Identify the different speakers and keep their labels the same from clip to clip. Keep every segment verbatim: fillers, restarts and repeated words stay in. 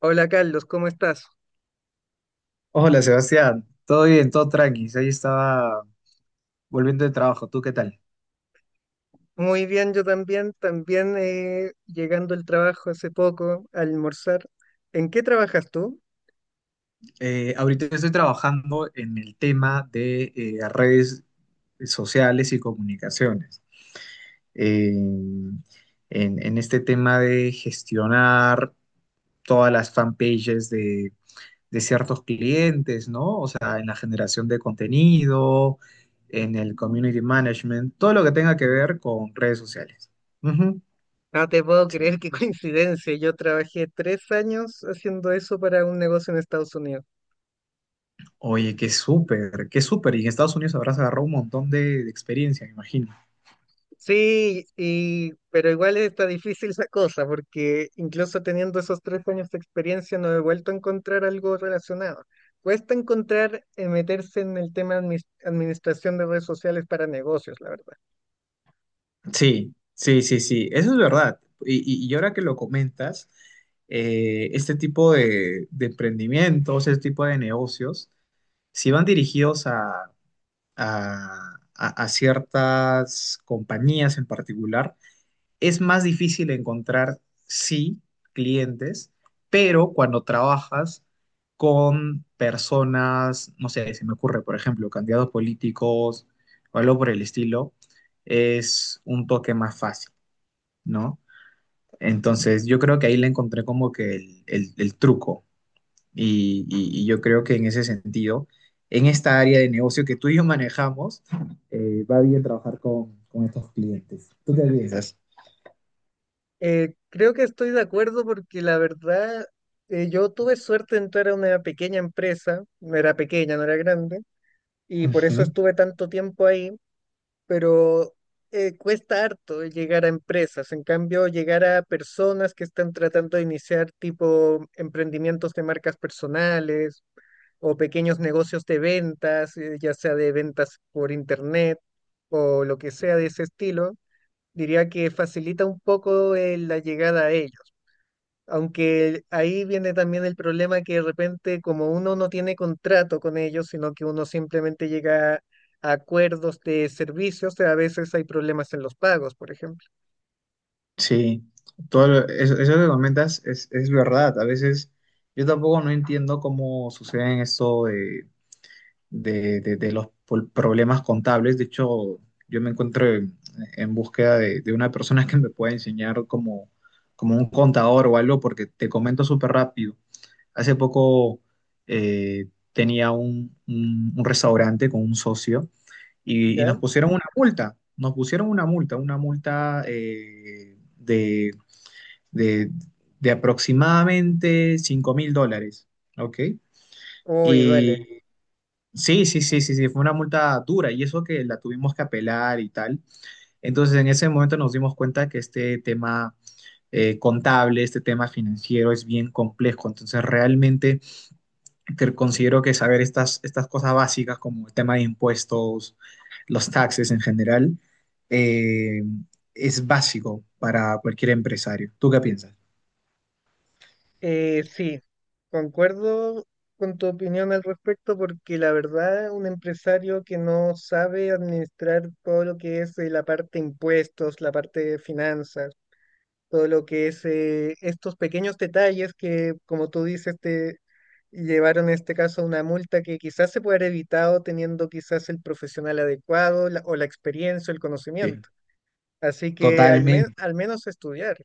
Speaker 1: Hola Carlos, ¿cómo estás?
Speaker 2: Hola Sebastián, todo bien, todo tranqui. Ahí estaba volviendo de trabajo. ¿Tú qué tal?
Speaker 1: Muy bien, yo también, también eh, llegando al trabajo hace poco, a almorzar. ¿En qué trabajas tú?
Speaker 2: Eh, ahorita estoy trabajando en el tema de eh, redes sociales y comunicaciones. Eh, en, en este tema de gestionar todas las fanpages de, de ciertos clientes, ¿no? O sea, en la generación de contenido, en el community management, todo lo que tenga que ver con redes sociales. Ujú.
Speaker 1: No te puedo creer qué coincidencia. Yo trabajé tres años haciendo eso para un negocio en Estados Unidos.
Speaker 2: Oye, qué súper, qué súper. Y en Estados Unidos habrás agarrado un montón de, de experiencia, me imagino.
Speaker 1: Sí, y, pero igual está difícil la cosa, porque incluso teniendo esos tres años de experiencia no he vuelto a encontrar algo relacionado. Cuesta encontrar eh, meterse en el tema de administración de redes sociales para negocios, la verdad.
Speaker 2: Sí, sí, sí, sí, eso es verdad. Y, y- y ahora que lo comentas, eh, este tipo de, de emprendimientos, este tipo de negocios, si van dirigidos a, a, a- a ciertas compañías en particular, es más difícil encontrar, sí, clientes, pero cuando trabajas con personas, no sé, se me ocurre, por ejemplo, candidatos políticos o algo por el estilo, es un toque más fácil, ¿no? Entonces, yo creo que ahí le encontré como que el, el- el truco y, y- y yo creo que en ese sentido, en esta área de negocio que tú y yo manejamos, eh, va bien trabajar con, con estos clientes. ¿Tú qué piensas?
Speaker 1: Eh, creo que estoy de acuerdo porque la verdad, eh, yo tuve suerte de entrar a una pequeña empresa, no era pequeña, no era grande, y por eso
Speaker 2: Ujú.
Speaker 1: estuve tanto tiempo ahí, pero eh, cuesta harto llegar a empresas, en cambio llegar a personas que están tratando de iniciar tipo emprendimientos de marcas personales o pequeños negocios de ventas, eh, ya sea de ventas por internet o lo que sea de ese estilo, diría que facilita un poco eh, la llegada a ellos, aunque ahí viene también el problema que de repente como uno no tiene contrato con ellos, sino que uno simplemente llega a acuerdos de servicios, a veces hay problemas en los pagos, por ejemplo.
Speaker 2: Sí, todo lo- eso, eso que comentas es, es verdad. A veces yo tampoco no entiendo cómo suceden esto de, de, de- de los pol- problemas contables. De hecho, yo me encuentro en, en búsqueda de, de una persona que me pueda enseñar como, como un contador o algo, porque te comento súper rápido. Hace poco eh, tenía un, un- un restaurante con un socio y, y
Speaker 1: ¿Ya?
Speaker 2: nos pusieron una multa. Nos pusieron una multa, una multa eh, de de, de aproximadamente cinco mil dólares, ¿ok?
Speaker 1: Uy, duele.
Speaker 2: Y sí, sí, sí, sí, sí, fue una multa dura y eso que la tuvimos que apelar y tal. Entonces, en ese momento nos dimos cuenta que este tema eh, contable, este tema financiero es bien complejo. Entonces, realmente que considero que saber estas, estas cosas básicas como el tema de impuestos, los taxes en general, eh, es básico para cualquier empresario. ¿Tú qué piensas?
Speaker 1: Eh, sí, concuerdo con tu opinión al respecto porque la verdad un empresario que no sabe administrar todo lo que es eh, la parte de impuestos, la parte de finanzas, todo lo que es eh, estos pequeños detalles que, como tú dices, te llevaron en este caso a una multa que quizás se puede haber evitado teniendo quizás el profesional adecuado la- o la experiencia, el
Speaker 2: Sí,
Speaker 1: conocimiento. Así que al, men-
Speaker 2: totalmente.
Speaker 1: al menos estudiar.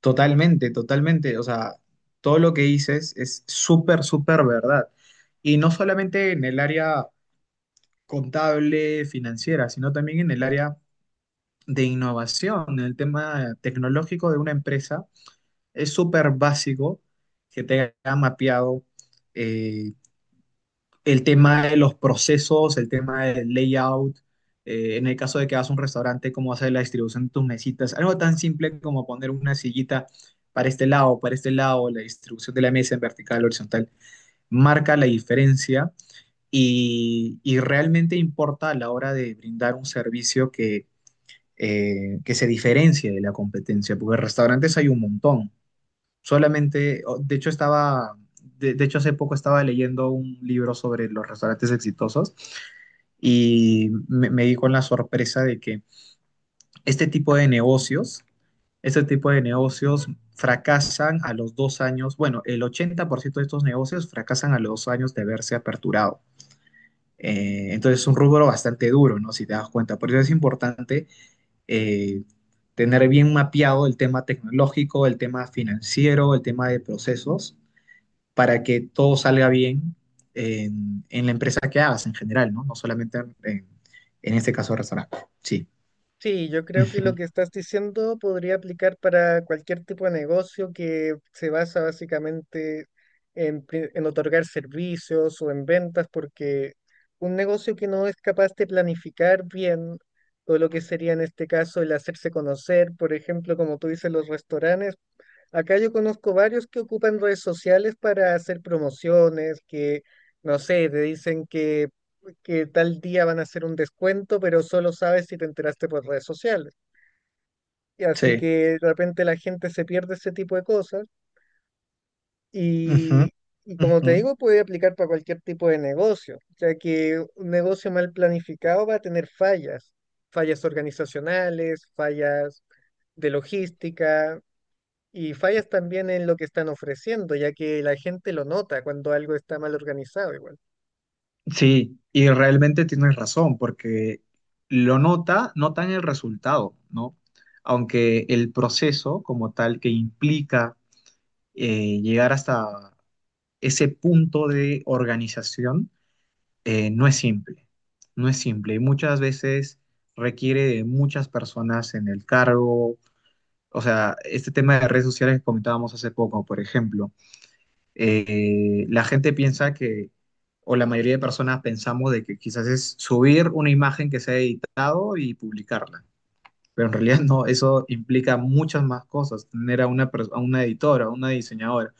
Speaker 2: Totalmente, totalmente. O sea, todo lo que dices es súper, súper verdad. Y no solamente en el área contable, financiera, sino también en el área de innovación, en el tema tecnológico de una empresa. Es súper básico que te haya mapeado eh, el tema de los procesos, el tema del layout, eh, en el caso de que hagas un restaurante, cómo hacer la distribución de tus mesitas, algo tan simple como poner una sillita para este lado, para este lado, la distribución de la mesa en vertical, horizontal, marca la diferencia y, y realmente importa a la hora de brindar un servicio que, eh, que se diferencie de la competencia, porque restaurantes hay un montón. Solamente, o- de hecho estaba, de, de hecho hace poco estaba leyendo un libro sobre los restaurantes exitosos y me, me di con la sorpresa de que este tipo de negocios, este tipo de negocios fracasan a los dos años, bueno, el ochenta por ciento de estos negocios fracasan a los dos años de haberse aperturado. Eh, entonces es un rubro bastante duro, ¿no? Si te das cuenta. Por eso es importante eh, tener bien mapeado el tema tecnológico, el tema financiero, el tema de procesos para que todo salga bien en, en la empresa que hagas en general, ¿no? No solamente en, en este caso restaurante. Sí.
Speaker 1: Sí, yo creo que lo
Speaker 2: Ujú.
Speaker 1: que estás diciendo podría aplicar para cualquier tipo de negocio que se basa básicamente en, pri- en otorgar servicios o en ventas, porque un negocio que no es capaz de planificar bien, o lo que sería en este caso el hacerse conocer, por ejemplo, como tú dices, los restaurantes. Acá yo conozco varios que ocupan redes sociales para hacer promociones, que, no sé, te dicen que, que tal día van a hacer un descuento, pero solo sabes si te enteraste por redes sociales. Y así
Speaker 2: Sí.
Speaker 1: que de repente la gente se pierde ese tipo de cosas
Speaker 2: Ujú.
Speaker 1: y, y como
Speaker 2: Ujú.
Speaker 1: te digo, puede aplicar para cualquier tipo de negocio, ya que un negocio mal planificado va a tener fallas, fallas organizacionales, fallas de logística, y fallas también en lo que están ofreciendo, ya que la gente lo nota cuando algo está mal organizado igual.
Speaker 2: Sí. Y realmente tienes razón, porque lo nota, notan el resultado, ¿no? Aunque el proceso como tal que implica eh, llegar hasta ese punto de organización, eh, no es simple, no es simple y muchas veces requiere de muchas personas en el cargo. O sea, este tema de redes sociales que comentábamos hace poco, por ejemplo, eh, la gente piensa que, o la mayoría de personas pensamos de que quizás es subir una imagen que se ha editado y publicarla, pero en realidad no, eso implica muchas más cosas, tener a una, pers- a una editora, a una diseñadora,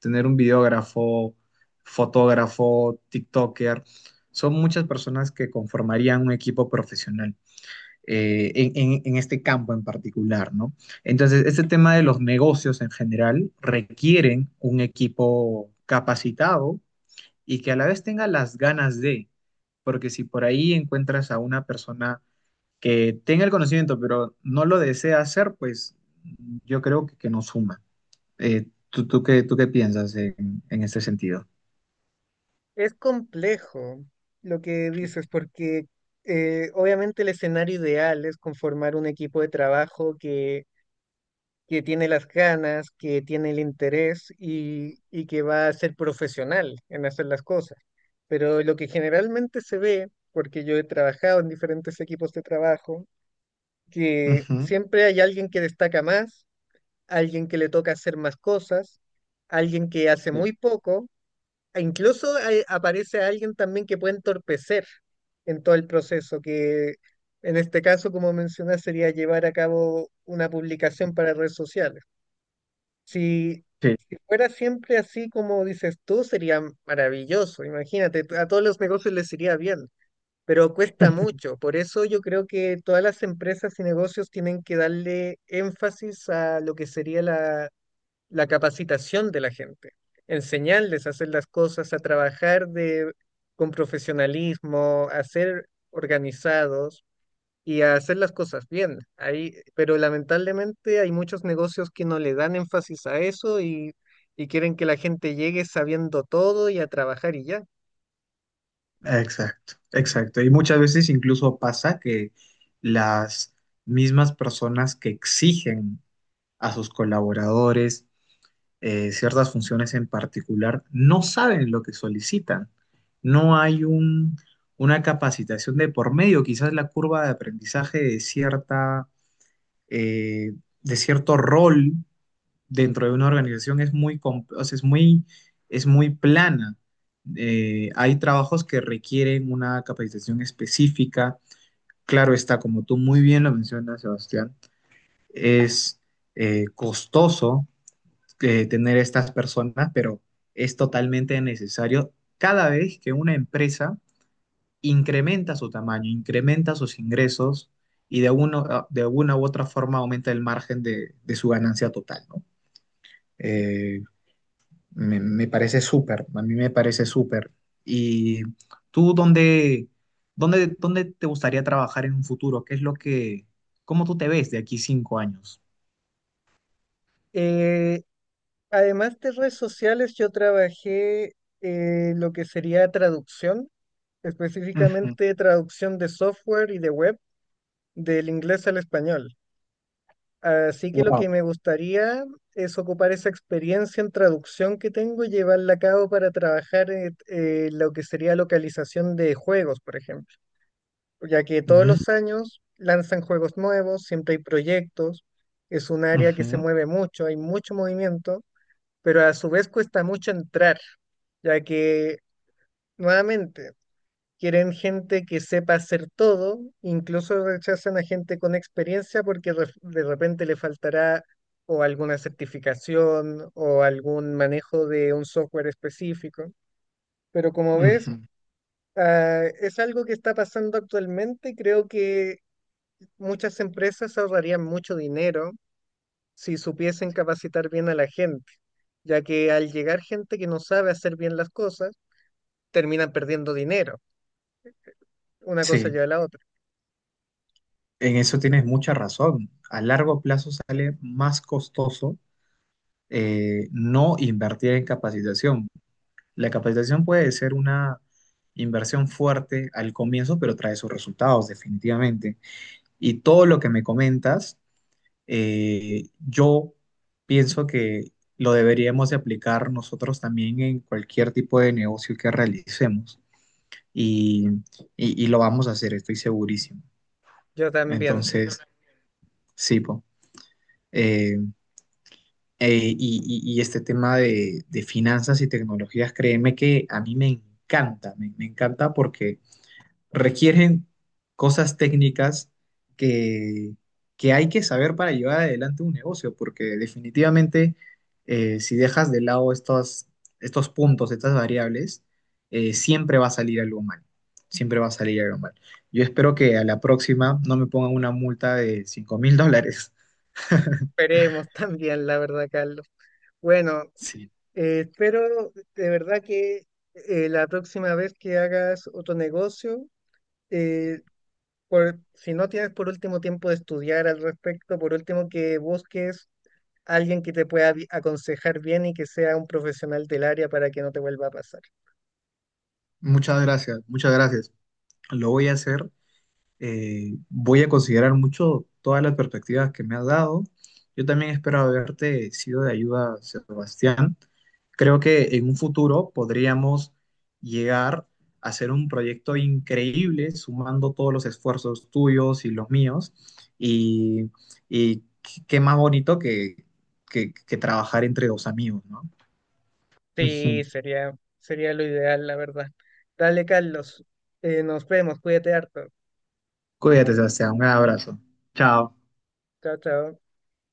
Speaker 2: tener un videógrafo, fotógrafo, TikToker, son muchas personas que conformarían un equipo profesional eh, en, en- en este campo en particular, ¿no? Entonces, este tema de los negocios en general requieren un equipo capacitado y que a la vez tenga las ganas de, porque si por ahí encuentras a una persona que tenga el conocimiento, pero no lo desea hacer, pues yo creo que, que no suma. Eh, ¿tú, ¿tú qué, tú qué piensas en, en este sentido?
Speaker 1: Es complejo lo que dices, porque eh, obviamente el escenario ideal es conformar un equipo de trabajo que, que tiene las ganas, que tiene el interés y, y que va a ser profesional en hacer las cosas. Pero lo que generalmente se ve, porque yo he trabajado en diferentes equipos de trabajo, que
Speaker 2: Ujú.
Speaker 1: siempre hay alguien que destaca más, alguien que le toca hacer más cosas, alguien que hace
Speaker 2: Sí.
Speaker 1: muy poco, e incluso hay- aparece alguien también que puede entorpecer en todo el proceso, que en este caso, como mencionas, sería llevar a cabo una publicación para redes sociales. Si,
Speaker 2: Sí,
Speaker 1: si fuera siempre así como dices tú, sería maravilloso. Imagínate, a todos los negocios les iría bien, pero cuesta mucho. Por eso yo creo que todas las empresas y negocios tienen que darle énfasis a lo que sería la, la capacitación de la gente, enseñarles a hacer las cosas, a trabajar de, con profesionalismo, a ser organizados y a hacer las cosas bien. Ahí, pero lamentablemente hay muchos negocios que no le dan énfasis a eso y, y quieren que la gente llegue sabiendo todo y a trabajar y ya.
Speaker 2: exacto, exacto. Y muchas veces incluso pasa que las mismas personas que exigen a sus colaboradores eh, ciertas funciones en particular no saben lo que solicitan. No hay un- una capacitación de por medio. Quizás la curva de aprendizaje de cierta eh, de cierto rol dentro de una organización es muy, com- o sea, es muy, es muy plana. Eh, hay trabajos que requieren una capacitación específica. Claro está, como tú muy bien lo mencionas, Sebastián, es eh, costoso eh, tener estas personas, pero es totalmente necesario cada vez que una empresa incrementa su tamaño, incrementa sus ingresos y de, uno, ah, de una u otra forma aumenta el margen de, de su ganancia total, ¿no?
Speaker 1: Y,
Speaker 2: Eh, me, me parece súper, a mí me parece súper. ¿Y tú dónde, dónde, dónde te gustaría trabajar en un futuro? ¿Qué es lo que, cómo tú te ves de aquí cinco años?
Speaker 1: eh, Además de redes sociales, yo trabajé eh, lo que sería traducción,
Speaker 2: Ujú.
Speaker 1: específicamente traducción de software y de web del inglés al español. Así que lo
Speaker 2: Wow.
Speaker 1: que me gustaría es ocupar esa experiencia en traducción que tengo y llevarla a cabo para trabajar en eh, lo que sería localización de juegos, por ejemplo, ya que todos
Speaker 2: Ujú,
Speaker 1: los años lanzan juegos nuevos, siempre hay proyectos, es un área que se
Speaker 2: ujú,
Speaker 1: mueve mucho, hay mucho movimiento, pero a su vez cuesta mucho entrar, ya que nuevamente quieren gente que sepa hacer todo, incluso rechazan a gente con experiencia porque ref- de repente le faltará o alguna certificación o algún manejo de un software específico. Pero como ves,
Speaker 2: ujú.
Speaker 1: ah, es algo que está pasando actualmente y creo que muchas empresas ahorrarían mucho dinero si supiesen capacitar bien a la gente, ya que al llegar gente que no sabe hacer bien las cosas, terminan perdiendo dinero. Una cosa
Speaker 2: Sí,
Speaker 1: lleva a la otra.
Speaker 2: en eso tienes mucha razón. A largo plazo sale más costoso eh, no invertir en capacitación. La capacitación puede ser una inversión fuerte al comienzo, pero trae sus resultados definitivamente. Y todo lo que me comentas, eh, yo pienso que lo deberíamos de aplicar nosotros también en cualquier tipo de negocio que realicemos. Y, y- y lo vamos a hacer, estoy segurísimo.
Speaker 1: Yo también.
Speaker 2: Entonces, sí, po. eh, Eh, y, y- y este tema de, de finanzas y tecnologías, créeme que a mí me encanta, me, me encanta porque requieren cosas técnicas que, que hay que saber para llevar adelante un negocio, porque definitivamente eh, si dejas de lado estos, estos puntos, estas variables, eh, siempre va a salir algo mal, siempre va a salir algo mal. Yo espero que a la próxima no me pongan una multa de cinco mil dólares.
Speaker 1: Esperemos también, la verdad, Carlos. Bueno,
Speaker 2: Sí.
Speaker 1: eh, espero de verdad que eh, la próxima vez que hagas otro negocio, eh, por, si no tienes por último tiempo de estudiar al respecto, por último que busques a alguien que te pueda vi- aconsejar bien y que sea un profesional del área para que no te vuelva a pasar.
Speaker 2: Muchas gracias, muchas gracias. Lo voy a hacer. Eh, voy a considerar mucho todas las perspectivas que me has dado. Yo también espero haberte sido de ayuda, Sebastián. Creo que en un futuro podríamos llegar a hacer un proyecto increíble, sumando todos los esfuerzos tuyos y los míos. Y, y qué más bonito que, que que trabajar entre dos amigos, ¿no?
Speaker 1: Sí,
Speaker 2: Ujú.
Speaker 1: sería, sería lo ideal, la verdad. Dale, Carlos. Eh, nos vemos, cuídate harto.
Speaker 2: Cuídate, Sebastián. Un abrazo. Chao.
Speaker 1: Chao, chao.